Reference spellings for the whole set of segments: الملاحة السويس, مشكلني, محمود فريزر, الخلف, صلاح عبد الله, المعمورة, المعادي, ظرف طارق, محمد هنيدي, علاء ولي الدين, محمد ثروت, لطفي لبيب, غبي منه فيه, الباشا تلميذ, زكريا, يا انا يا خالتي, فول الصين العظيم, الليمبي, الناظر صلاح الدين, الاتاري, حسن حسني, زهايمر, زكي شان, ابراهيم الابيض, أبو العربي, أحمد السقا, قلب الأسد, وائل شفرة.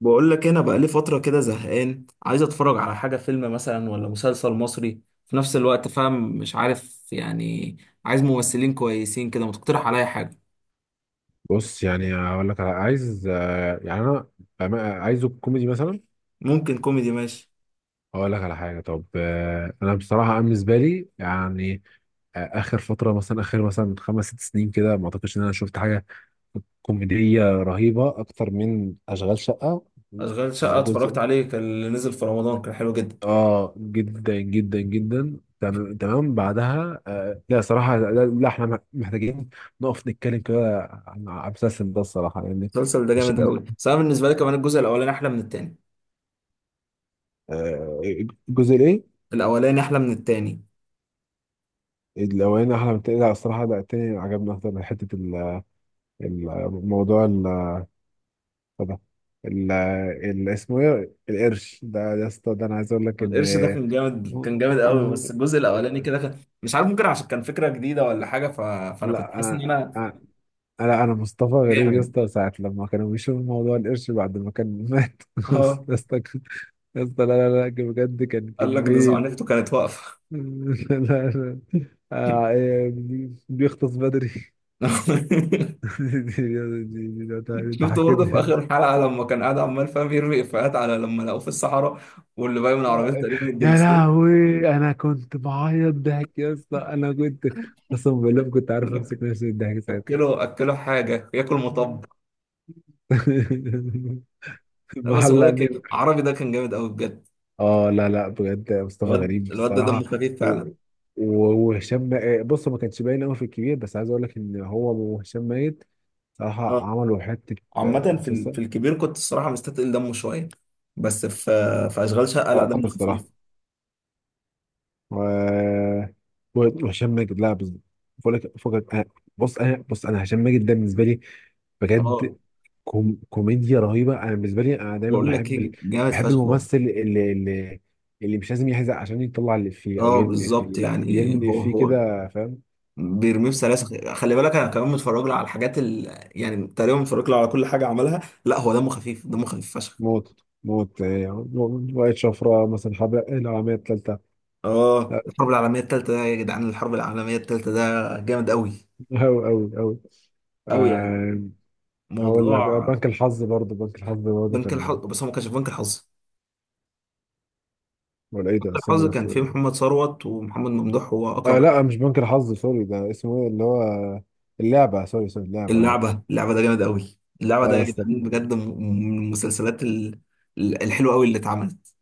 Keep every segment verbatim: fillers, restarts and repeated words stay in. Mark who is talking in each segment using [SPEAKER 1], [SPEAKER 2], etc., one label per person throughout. [SPEAKER 1] بقول لك إيه، انا بقى لي فتره كده زهقان، عايز اتفرج على حاجه فيلم مثلا ولا مسلسل مصري في نفس الوقت. فاهم مش عارف يعني. عايز ممثلين كويسين كده، ما تقترح عليا حاجه.
[SPEAKER 2] بص، يعني هقول لك على عايز، آه، يعني انا بأما- عايزه كوميدي مثلا.
[SPEAKER 1] ممكن كوميدي، ماشي.
[SPEAKER 2] هقول لك على حاجه. طب، آه، انا بصراحه، أنا بالنسبه لي يعني آه، اخر فتره، مثلا اخر مثلا خمس ست سنين كده، ما اعتقدش ان انا شفت حاجه كوميديه رهيبه اكتر من اشغال شقه.
[SPEAKER 1] اشغال شقه
[SPEAKER 2] آه، جزء.
[SPEAKER 1] اتفرجت عليه، كان اللي نزل في رمضان كان حلو جدا.
[SPEAKER 2] اه، جدا جدا جدا، تم- تمام. بعدها آه لا صراحه، لا, لا احنا مح- محتاجين نقف نتكلم كده عن عن المسلسل ده الصراحه يعني.
[SPEAKER 1] المسلسل ده جامد
[SPEAKER 2] هشام.
[SPEAKER 1] قوي، بس انا بالنسبه لي كمان الجزء الاولاني احلى من التاني.
[SPEAKER 2] آه الجزء الايه؟
[SPEAKER 1] الاولاني احلى من التاني.
[SPEAKER 2] الأولاني أحلى من التاني؟ لا الصراحة، لا التاني عجبني أكتر من حتة ال- الموضوع ال ده. ال ال- اسمه إيه، القرش ده ده اسطى، ده أنا عايز أقول لك إن.
[SPEAKER 1] القرش ده كان جامد كان جامد قوي، بس الجزء الاولاني كده كان مش عارف، ممكن عشان كان فكره جديده ولا حاجه ف... فانا كنت
[SPEAKER 2] لا
[SPEAKER 1] حاسس ان
[SPEAKER 2] أنا،
[SPEAKER 1] انا
[SPEAKER 2] أنا- لا أنا مصطفى غريب يا
[SPEAKER 1] جامد.
[SPEAKER 2] اسطى، ساعة لما كانوا بيشوفوا موضوع القرش بعد ما كان مات.
[SPEAKER 1] اه.
[SPEAKER 2] يا اسطى، يا اسطى، لا لا لا، بجد كان
[SPEAKER 1] قال لك ده
[SPEAKER 2] كمية.
[SPEAKER 1] زعنفته كانت واقفة.
[SPEAKER 2] لا لا. آه، إيه، بيغطس بدري. دي- دي- دي- دي- دي- دي- انت
[SPEAKER 1] شفته برضه في
[SPEAKER 2] حكيتني.
[SPEAKER 1] آخر حلقة لما كان قاعد عمال فاهم يرمي إفيهات، على لما لقوه في الصحراء واللي باين من عربيته
[SPEAKER 2] آه،
[SPEAKER 1] تقريبا
[SPEAKER 2] يا
[SPEAKER 1] الدركسيون.
[SPEAKER 2] لهوي، انا كنت بعيط ضحك يا اسطى، انا كنت قسما بالله ما كنت عارف
[SPEAKER 1] يقول لك
[SPEAKER 2] امسك نفسي من الضحك ساعتها.
[SPEAKER 1] أكله أكله حاجة ياكل مطب. أنا بس بقول لك
[SPEAKER 2] معلقني.
[SPEAKER 1] إيه، العربي ده كان جامد قوي بجد.
[SPEAKER 2] اه لا لا، بجد مصطفى
[SPEAKER 1] الواد
[SPEAKER 2] غريب
[SPEAKER 1] الواد ده دمه
[SPEAKER 2] بصراحه،
[SPEAKER 1] خفيف
[SPEAKER 2] و-
[SPEAKER 1] فعلا.
[SPEAKER 2] و- وهشام، آه، بص، ما كانش باين قوي في الكبير، بس عايز اقول لك ان هو وهشام ميت صراحه
[SPEAKER 1] اه.
[SPEAKER 2] عملوا حته.
[SPEAKER 1] عامة
[SPEAKER 2] آه،
[SPEAKER 1] في ال- في
[SPEAKER 2] مسلسل.
[SPEAKER 1] الكبير كنت الصراحة مستثقل دمه شوية، بس في في أشغال شقة لا
[SPEAKER 2] اه
[SPEAKER 1] دمه
[SPEAKER 2] الصراحه،
[SPEAKER 1] خفيف.
[SPEAKER 2] و و- وهشام ماجد، لا بز- بقول لك فكك. أنا- بص انا، بص انا هشام ماجد ده بالنسبه لي
[SPEAKER 1] اه.
[SPEAKER 2] بجد كوم... كوميديا رهيبه. انا بالنسبه لي انا دايما
[SPEAKER 1] بقول لك
[SPEAKER 2] بحب ال...
[SPEAKER 1] ايه، جامد
[SPEAKER 2] بحب
[SPEAKER 1] فشخ هو.
[SPEAKER 2] الممثل اللي اللي اللي مش لازم يحزق عشان يطلع الافيه او
[SPEAKER 1] اه
[SPEAKER 2] يرمي الافيه،
[SPEAKER 1] بالظبط.
[SPEAKER 2] لا
[SPEAKER 1] يعني
[SPEAKER 2] بيرمي
[SPEAKER 1] هو
[SPEAKER 2] الافيه
[SPEAKER 1] هو
[SPEAKER 2] كده، فاهم.
[SPEAKER 1] بيرميه في سلاسل. خلي بالك انا كمان متفرج له على الحاجات ال... يعني تقريبا متفرج له على كل حاجه عملها. لا هو دمه خفيف، دمه خفيف فشخ.
[SPEAKER 2] موت موت، إيه، وائل شفرة مثلا حبق العامية التالتة.
[SPEAKER 1] اه
[SPEAKER 2] لا،
[SPEAKER 1] الحرب العالميه الثالثه ده يا جدعان، الحرب العالميه الثالثه ده جامد قوي
[SPEAKER 2] أوي أوي أوي.
[SPEAKER 1] قوي يعني.
[SPEAKER 2] آه، هقول لك، آه،
[SPEAKER 1] موضوع
[SPEAKER 2] بنك الحظ برضه، بنك الحظ برضه
[SPEAKER 1] بنك
[SPEAKER 2] كان.
[SPEAKER 1] الحظ، بس هو ما كانش في بنك الحظ.
[SPEAKER 2] ولا إيه ده،
[SPEAKER 1] بنك الحظ
[SPEAKER 2] استنى
[SPEAKER 1] كان
[SPEAKER 2] بس.
[SPEAKER 1] فيه محمد ثروت ومحمد ممدوح واكرم
[SPEAKER 2] آه
[SPEAKER 1] حسني.
[SPEAKER 2] لا، مش بنك الحظ، سوري. ده اسمه ايه، اللي هو اللعبة، سوري سوري، اللعبة، لعبة.
[SPEAKER 1] اللعبه اللعبه ده جامد قوي. اللعبه
[SPEAKER 2] اه
[SPEAKER 1] ده
[SPEAKER 2] يا
[SPEAKER 1] يا
[SPEAKER 2] اسطى،
[SPEAKER 1] جدعان بجد، م- من المسلسلات ال- الحلوه قوي اللي اتعملت.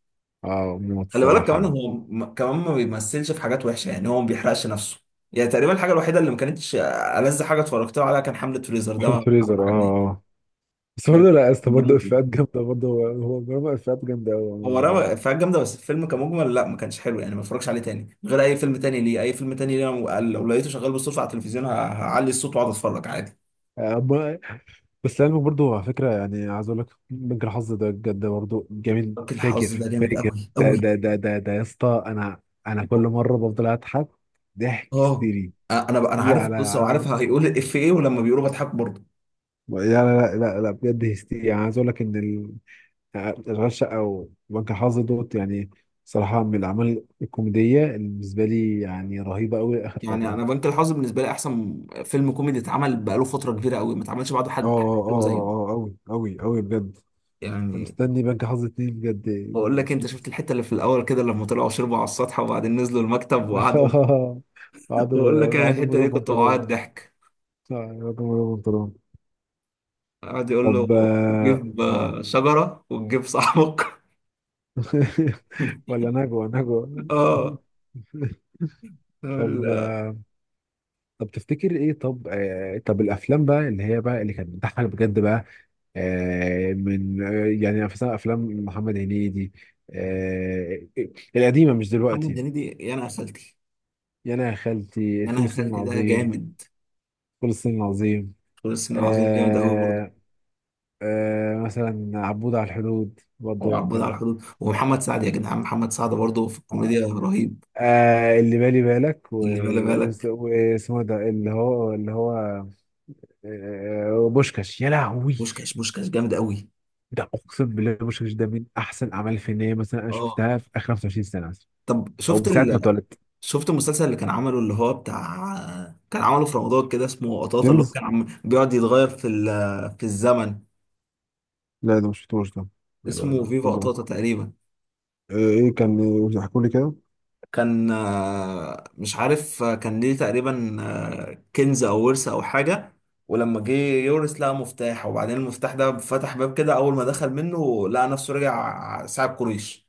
[SPEAKER 2] اه موت
[SPEAKER 1] خلي بالك
[SPEAKER 2] الصراحة
[SPEAKER 1] كمان
[SPEAKER 2] يعني.
[SPEAKER 1] هو، م- كمان ما بيمثلش في حاجات وحشه، يعني هو ما بيحرقش نفسه. يعني تقريبا الحاجه الوحيده اللي ما كانتش ألذ حاجه اتفرجت له عليها كان حمله فريزر، ده ما
[SPEAKER 2] محمود
[SPEAKER 1] ما
[SPEAKER 2] فريزر، اه
[SPEAKER 1] عجبنيش.
[SPEAKER 2] اه، آه. بس
[SPEAKER 1] ده
[SPEAKER 2] برضه لا يا اسطى،
[SPEAKER 1] كان
[SPEAKER 2] برضه
[SPEAKER 1] دمه تقيل.
[SPEAKER 2] افيهات جامدة، برضه هو هو برضه افيهات جامدة قوي
[SPEAKER 1] هو
[SPEAKER 2] عموما برضه.
[SPEAKER 1] رمى افيهات جامده بس الفيلم كمجمل لا، ما كانش حلو يعني، ما اتفرجش عليه تاني. غير اي فيلم تاني ليه، اي فيلم تاني ليه. أنا لو لقيته شغال بالصدفه على التلفزيون، ه- هعلي الصوت واقعد اتفرج عادي.
[SPEAKER 2] آه، ب- بس لعلمك برضه، على فكرة يعني عايز اقول لك بنك الحظ ده بجد برضه جميل
[SPEAKER 1] راجل الحظ
[SPEAKER 2] فاجر
[SPEAKER 1] ده جامد
[SPEAKER 2] فاجر.
[SPEAKER 1] قوي
[SPEAKER 2] ده
[SPEAKER 1] قوي.
[SPEAKER 2] ده ده ده ده يا اسطى، انا انا كل مرة بفضل اضحك ضحك
[SPEAKER 1] اه
[SPEAKER 2] هستيري،
[SPEAKER 1] انا انا
[SPEAKER 2] هستيري
[SPEAKER 1] عارف
[SPEAKER 2] على
[SPEAKER 1] القصه وعارف
[SPEAKER 2] على-
[SPEAKER 1] هيقول الإف ايه، ولما بيقولوا بضحك برضه.
[SPEAKER 2] لا لا لا لا لا، بجد هستيري، يعني عايز اقول لك ان أشغال شقة أو بنك الحظ دوت يعني صراحة من الأعمال الكوميدية اللي بالنسبة لي يعني رهيبة أوي آخر
[SPEAKER 1] يعني
[SPEAKER 2] فترة.
[SPEAKER 1] انا بنك الحظ بالنسبه لي احسن فيلم كوميدي اتعمل بقاله فتره كبيره قوي، ما اتعملش بعده
[SPEAKER 2] اه
[SPEAKER 1] حد
[SPEAKER 2] اه
[SPEAKER 1] حلو زيه
[SPEAKER 2] اه اه، أوي أوي أوي، بجد
[SPEAKER 1] يعني.
[SPEAKER 2] مستني بنك حظ اتنين بجد.
[SPEAKER 1] بقول لك، انت شفت الحته اللي في الاول كده لما طلعوا شربوا على السطح وبعدين نزلوا المكتب وقعدوا. بقول لك
[SPEAKER 2] قعدوا
[SPEAKER 1] انا،
[SPEAKER 2] قعدوا من
[SPEAKER 1] الحته
[SPEAKER 2] غير
[SPEAKER 1] دي كنت بعيط
[SPEAKER 2] بنطلون.
[SPEAKER 1] ضحك.
[SPEAKER 2] آه، قعدوا من غير بنطلون.
[SPEAKER 1] قعد يقول له
[SPEAKER 2] طب آه
[SPEAKER 1] جيب
[SPEAKER 2] آه.
[SPEAKER 1] آه، شجره وتجيب صاحبك.
[SPEAKER 2] ولا نجوى نجوى.
[SPEAKER 1] اه.
[SPEAKER 2] طب
[SPEAKER 1] ال-
[SPEAKER 2] آه، طب تفتكر ايه؟ طب آه، طب الافلام بقى، اللي هي بقى اللي كانت بتضحك بجد بقى، آه، من آه، يعني مثلا افلام محمد هنيدي، آه، القديمه مش
[SPEAKER 1] محمد
[SPEAKER 2] دلوقتي.
[SPEAKER 1] هنيدي، يا انا يا خالتي.
[SPEAKER 2] يا انا يا خالتي،
[SPEAKER 1] يا انا
[SPEAKER 2] فول
[SPEAKER 1] يا
[SPEAKER 2] الصين
[SPEAKER 1] خالتي ده
[SPEAKER 2] العظيم،
[SPEAKER 1] جامد،
[SPEAKER 2] فول الصين العظيم.
[SPEAKER 1] بس العظيم جامد قوي برضه.
[SPEAKER 2] آه، آه، مثلا عبود على الحدود برضه
[SPEAKER 1] وعبود على
[SPEAKER 2] كان.
[SPEAKER 1] الحدود
[SPEAKER 2] لا.
[SPEAKER 1] ومحمد سعد، يا جدعان محمد سعد برضه في الكوميديا رهيب.
[SPEAKER 2] آه، اللي بالي بالك،
[SPEAKER 1] اللي بالي
[SPEAKER 2] و- وس-
[SPEAKER 1] بالك.
[SPEAKER 2] واسمه ده، اللي هو، اللي هو آه، بوشكاش، يا لهوي.
[SPEAKER 1] بوشكاش بوشكاش جامد قوي.
[SPEAKER 2] ده اقسم بالله بوشكاش ده من احسن اعمال فنيه، مثلا انا
[SPEAKER 1] اه،
[SPEAKER 2] شفتها في اخر خمس وعشرين سنه مثلا،
[SPEAKER 1] طب
[SPEAKER 2] او من
[SPEAKER 1] شفت
[SPEAKER 2] ساعه ما
[SPEAKER 1] ال...
[SPEAKER 2] اتولدت.
[SPEAKER 1] شفت المسلسل اللي كان عمله اللي هو بتاع، كان عمله في رمضان كده، اسمه قطاطا اللي هو كان عم... بيقعد يتغير في ال... في الزمن.
[SPEAKER 2] لا ده مش شفتوش ده. آه،
[SPEAKER 1] اسمه فيفا
[SPEAKER 2] والله.
[SPEAKER 1] قطاطا تقريبا.
[SPEAKER 2] آه، ايه كان؟ احكوا لي كده.
[SPEAKER 1] كان آه، مش عارف آه، كان ليه تقريبا آه، كنز او ورث او حاجة. ولما جه يورث لقى مفتاح، وبعدين المفتاح ده فتح باب كده. اول ما دخل منه لقى نفسه رجع ساعة قريش،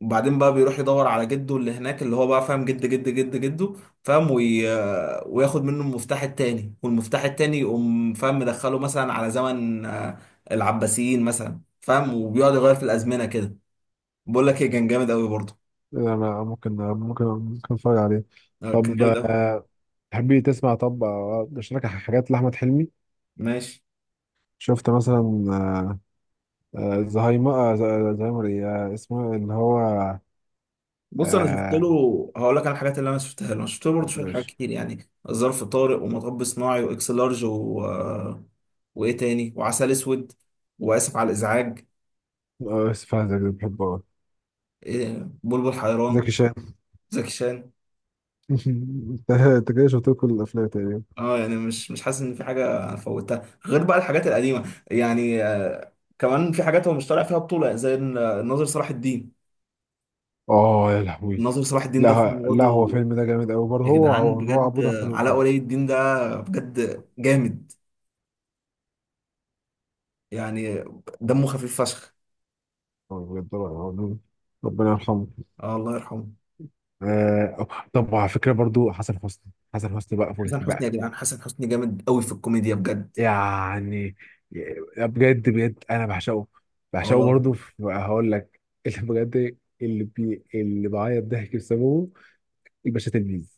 [SPEAKER 1] وبعدين بقى بيروح يدور على جده اللي هناك، اللي هو بقى فاهم جد جد جد جده، فاهم وي... وياخد منه المفتاح التاني، والمفتاح التاني يقوم فاهم مدخله مثلا على زمن آه، العباسيين مثلا، فاهم، وبيقعد يغير في الازمنه كده. بقول لك ايه، كان جامد قوي برضه.
[SPEAKER 2] آه، انا ممكن ممكن ممكن اتفرج عليه.
[SPEAKER 1] آه، كان
[SPEAKER 2] طب
[SPEAKER 1] جامد قوي.
[SPEAKER 2] آه، تحبي تسمع؟ طب آه، اشارك حاجات لاحمد حلمي.
[SPEAKER 1] ماشي.
[SPEAKER 2] شفت مثلا آه، آه، زهايمر، آه، ز- آه، زهايمر ايه، آه، اسمه اللي هو.
[SPEAKER 1] بص انا شفت
[SPEAKER 2] آه،
[SPEAKER 1] له. هقول لك على الحاجات اللي انا شفتها له. انا شفت له برضه
[SPEAKER 2] طب
[SPEAKER 1] شويه حاجات
[SPEAKER 2] ماشي.
[SPEAKER 1] كتير، يعني ظرف طارق، ومطب صناعي، واكس لارج، و... آه، وايه تاني، وعسل اسود، واسف على الازعاج،
[SPEAKER 2] آه، اسف على الزعج، بحبه أوي.
[SPEAKER 1] إيه، بلبل حيران،
[SPEAKER 2] زكي شان.
[SPEAKER 1] زكي شان.
[SPEAKER 2] انت أنت كده شفت له كل الافلام تقريبا.
[SPEAKER 1] اه يعني مش مش حاسس ان في حاجه فوتها غير بقى الحاجات القديمه. يعني آه، كمان في حاجات هو مش طالع فيها بطوله، زي ال- الناظر صلاح الدين.
[SPEAKER 2] اه يا لهوي،
[SPEAKER 1] الناظر صلاح الدين ده
[SPEAKER 2] لا
[SPEAKER 1] فيلم
[SPEAKER 2] لا هو
[SPEAKER 1] برضه،
[SPEAKER 2] فيلم ده جامد قوي برضه،
[SPEAKER 1] يا
[SPEAKER 2] هو
[SPEAKER 1] جدعان
[SPEAKER 2] هو هو
[SPEAKER 1] بجد،
[SPEAKER 2] عبود على
[SPEAKER 1] آه، علاء
[SPEAKER 2] الحدود.
[SPEAKER 1] ولي الدين ده بجد جامد يعني، دمه خفيف فشخ.
[SPEAKER 2] هو بجد رائع. ربنا يرحمه.
[SPEAKER 1] اه الله يرحمه.
[SPEAKER 2] آه أو- طب على فكره برضو، حسن حسني، حسن حسني بقى فوق
[SPEAKER 1] حسن حسني،
[SPEAKER 2] بقى.
[SPEAKER 1] يا جدعان حسن حسني جامد قوي في الكوميديا بجد.
[SPEAKER 2] يعني ي- بجد بجد انا بعشقه، بعشقه
[SPEAKER 1] اه
[SPEAKER 2] برضو. في- هقول لك. اللي بجد، اللي بي اللي بعيط ضحك بسببه، الباشا تلميذ.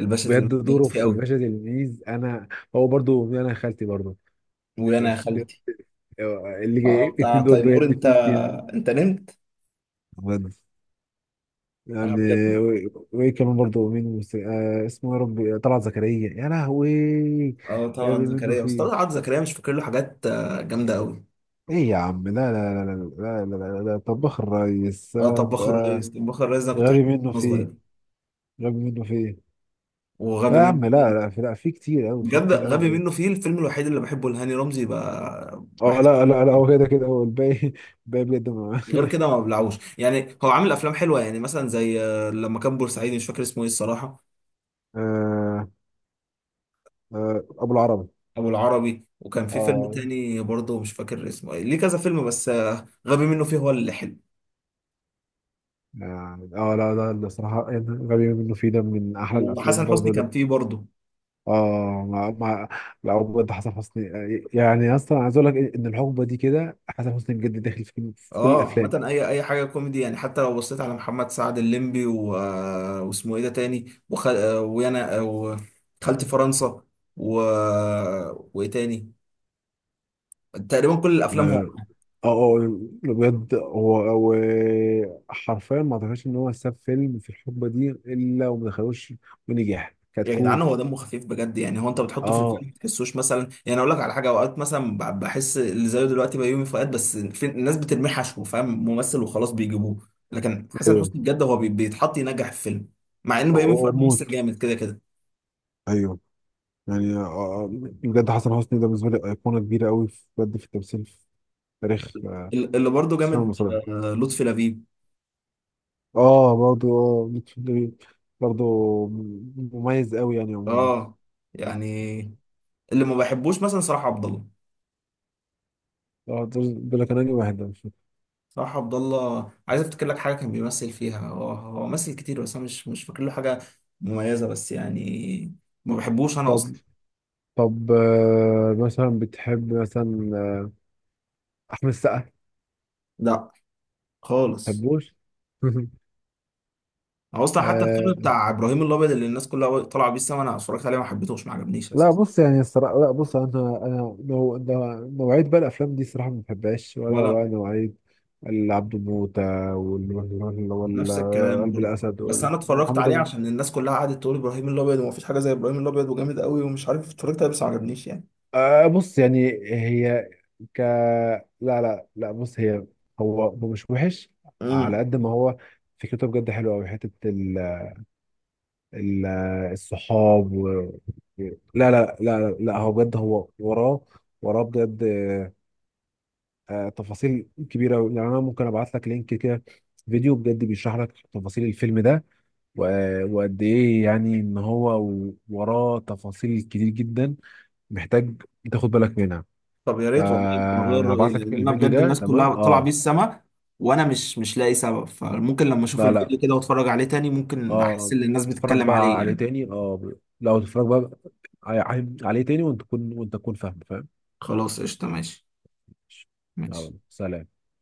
[SPEAKER 1] الباشا
[SPEAKER 2] بجد
[SPEAKER 1] تلميذ جامد
[SPEAKER 2] دوره
[SPEAKER 1] فيه
[SPEAKER 2] في
[SPEAKER 1] قوي.
[SPEAKER 2] الباشا تلميذ، انا. هو برضو، انا خالتي برضو،
[SPEAKER 1] ويانا يا
[SPEAKER 2] بجد.
[SPEAKER 1] خالتي.
[SPEAKER 2] آه، اللي جاي
[SPEAKER 1] اه بتاع
[SPEAKER 2] الاتنين دول
[SPEAKER 1] تيمور
[SPEAKER 2] بجد
[SPEAKER 1] انت،
[SPEAKER 2] في كيم،
[SPEAKER 1] انت نمت.
[SPEAKER 2] بجد
[SPEAKER 1] اه
[SPEAKER 2] يعني.
[SPEAKER 1] بجد.
[SPEAKER 2] و- وايه كمان برضه؟ مين المس- آه اسمه، يا ربي، طلعت زكريا، يا لهوي.
[SPEAKER 1] اه
[SPEAKER 2] جاب
[SPEAKER 1] طبعا
[SPEAKER 2] منه
[SPEAKER 1] زكريا، بس
[SPEAKER 2] فيه،
[SPEAKER 1] طبعا زكريا مش فاكر له حاجات آه، جامده قوي.
[SPEAKER 2] ايه يا عم، لا لا لا لا لا لا لا, لا, لا. طباخ الريس
[SPEAKER 1] اه
[SPEAKER 2] آه
[SPEAKER 1] طباخ
[SPEAKER 2] آه،
[SPEAKER 1] الريس. طباخ الريس ده كنت
[SPEAKER 2] غبي
[SPEAKER 1] بحبه
[SPEAKER 2] منه
[SPEAKER 1] وانا
[SPEAKER 2] فيه،
[SPEAKER 1] صغير.
[SPEAKER 2] غبي منه فيه.
[SPEAKER 1] وغبي
[SPEAKER 2] لا يا
[SPEAKER 1] منه
[SPEAKER 2] عم، لا لا،
[SPEAKER 1] فيه.
[SPEAKER 2] في لا في كتير قوي، في
[SPEAKER 1] بجد
[SPEAKER 2] كتير
[SPEAKER 1] غبي
[SPEAKER 2] قوي.
[SPEAKER 1] منه فيه الفيلم الوحيد اللي بحبه لهاني رمزي، ب-
[SPEAKER 2] اه
[SPEAKER 1] بحس إنه
[SPEAKER 2] لا لا لا، هو
[SPEAKER 1] فيه.
[SPEAKER 2] كده كده هو الباقي، الباقي بجد، ما-
[SPEAKER 1] غير كده ما ببلعوش يعني، هو عامل افلام حلوه، يعني مثلا زي آه، لما كان بورسعيدي مش فاكر اسمه ايه الصراحه،
[SPEAKER 2] آه آه ابو العربي،
[SPEAKER 1] ابو العربي. وكان في فيلم
[SPEAKER 2] اه
[SPEAKER 1] تاني برضه مش فاكر اسمه ايه ليه، كذا فيلم، بس آه، غبي منه فيه هو اللي حلو.
[SPEAKER 2] يعني. اه لا ده الصراحة، غبي منه فيه ده من احلى الافلام
[SPEAKER 1] وحسن حسني
[SPEAKER 2] برضه.
[SPEAKER 1] كان فيه برضه.
[SPEAKER 2] اه، مع مع لا، هو بجد حسن حسني يعني، اصلا عايز اقول لك ان الحقبه دي كده حسن حسني بجد داخل في في كل
[SPEAKER 1] اه
[SPEAKER 2] الافلام.
[SPEAKER 1] عامة اي اي حاجة كوميدي يعني، حتى لو بصيت على محمد سعد الليمبي، و... آه، واسمه ايه ده تاني، وخ... آه، ويانا، آه، وخالتي فرنسا، و... وايه تاني، تقريبا كل الافلام هو.
[SPEAKER 2] اه اه، آه، بجد هو هو حرفيا ما اعتقدش ان هو ساب فيلم في الحقبه دي الا وما دخلوش، ونجح
[SPEAKER 1] يا جدعان
[SPEAKER 2] كتكوت.
[SPEAKER 1] هو دمه خفيف بجد، يعني هو انت بتحطه في
[SPEAKER 2] اه
[SPEAKER 1] الفيلم ما تحسوش مثلا. يعني اقول لك على حاجة، اوقات مثلا ب- بحس اللي زيه دلوقتي بيومي فؤاد، بس في... الناس بترميه حشو فاهم، ممثل وخلاص بيجيبوه. لكن حسن
[SPEAKER 2] ايوه،
[SPEAKER 1] حسني بجد هو بي... بيتحط ينجح الفيلم، مع ان بيومي فؤاد ممثل
[SPEAKER 2] وموت،
[SPEAKER 1] جامد كده كده.
[SPEAKER 2] ايوه يعني. آه، آه، بجد حسن حسني ده بالنسبه لي ايقونه كبيره قوي، بجد في التمثيل، في تاريخ آه،
[SPEAKER 1] اللي برضه
[SPEAKER 2] السينما
[SPEAKER 1] جامد
[SPEAKER 2] المصريه.
[SPEAKER 1] آه، لطفي لبيب.
[SPEAKER 2] اه برضو، اه بيتشيلي برضو، مميز قوي يعني عموما.
[SPEAKER 1] اه يعني اللي ما بحبوش مثلا صلاح عبد الله.
[SPEAKER 2] اه دول دول كانوا لي واحد ده مش فاكر.
[SPEAKER 1] صلاح عبد الله عايز افتكر لك حاجه كان بيمثل فيها، هو هو مثل كتير بس انا مش مش فاكر له حاجه مميزه، بس يعني ما بحبوش انا
[SPEAKER 2] طب
[SPEAKER 1] اصلا.
[SPEAKER 2] طب آه، مثلا بتحب مثلا آه، احمد السقا ما
[SPEAKER 1] لا خالص.
[SPEAKER 2] بتحبوش؟
[SPEAKER 1] هو اصلا حتى الفيلم
[SPEAKER 2] آه
[SPEAKER 1] بتاع ابراهيم الابيض، اللي الناس كلها طالعه بيه السما، انا اتفرجت عليه ما حبيتهوش ما عجبنيش
[SPEAKER 2] لا
[SPEAKER 1] اساسا.
[SPEAKER 2] بص يعني الصراحه، لا بص انا، انا نوع- نوع- نوعيه بقى الافلام دي الصراحه ما بحبهاش، ولا
[SPEAKER 1] ولا
[SPEAKER 2] بقى
[SPEAKER 1] أنا.
[SPEAKER 2] نوعيه العبد موته وال- وال- وال-
[SPEAKER 1] نفس
[SPEAKER 2] وال-
[SPEAKER 1] الكلام
[SPEAKER 2] قلب
[SPEAKER 1] برضه.
[SPEAKER 2] الاسد،
[SPEAKER 1] بس
[SPEAKER 2] وال-
[SPEAKER 1] انا اتفرجت
[SPEAKER 2] محمد.
[SPEAKER 1] عليه عشان الناس كلها قعدت تقول ابراهيم الابيض ومفيش حاجه زي ابراهيم الابيض وجامد قوي ومش عارف، اتفرجت عليه بس ما عجبنيش يعني.
[SPEAKER 2] آه بص يعني هي، ك لا لا لا، بص هي، هو هو مش وحش، على
[SPEAKER 1] امم.
[SPEAKER 2] قد ما هو فكرته بجد حلوه قوي، حته ال... ال... الصحاب و... لا لا لا لا، هو بجد، هو وراه، وراه بجد. آه آه، تفاصيل كبيره أوي. يعني انا ممكن ابعت لك لينك كده، فيديو بجد بيشرح لك تفاصيل الفيلم ده، و... وقد ايه يعني ان هو وراه تفاصيل كتير جدا، محتاج تاخد بالك منها.
[SPEAKER 1] طب يا ريت والله، يمكن اغير رايي،
[SPEAKER 2] فهبعت لك
[SPEAKER 1] لان انا
[SPEAKER 2] الفيديو
[SPEAKER 1] بجد
[SPEAKER 2] ده،
[SPEAKER 1] الناس
[SPEAKER 2] تمام،
[SPEAKER 1] كلها طالعه بيه
[SPEAKER 2] اه.
[SPEAKER 1] السما وانا مش مش لاقي سبب، فممكن لما اشوف
[SPEAKER 2] لا لا
[SPEAKER 1] الفيديو كده واتفرج عليه تاني، ممكن احس
[SPEAKER 2] اه،
[SPEAKER 1] ان الناس
[SPEAKER 2] اتفرج
[SPEAKER 1] بتتكلم عليه
[SPEAKER 2] بقى عليه
[SPEAKER 1] يعني.
[SPEAKER 2] تاني اه، لو تتفرج بقى ع- عليه تاني وانت تكون، وانت تكون فاهم فاهم.
[SPEAKER 1] خلاص قشطه ماشي. ماشي.
[SPEAKER 2] يلا، سلام.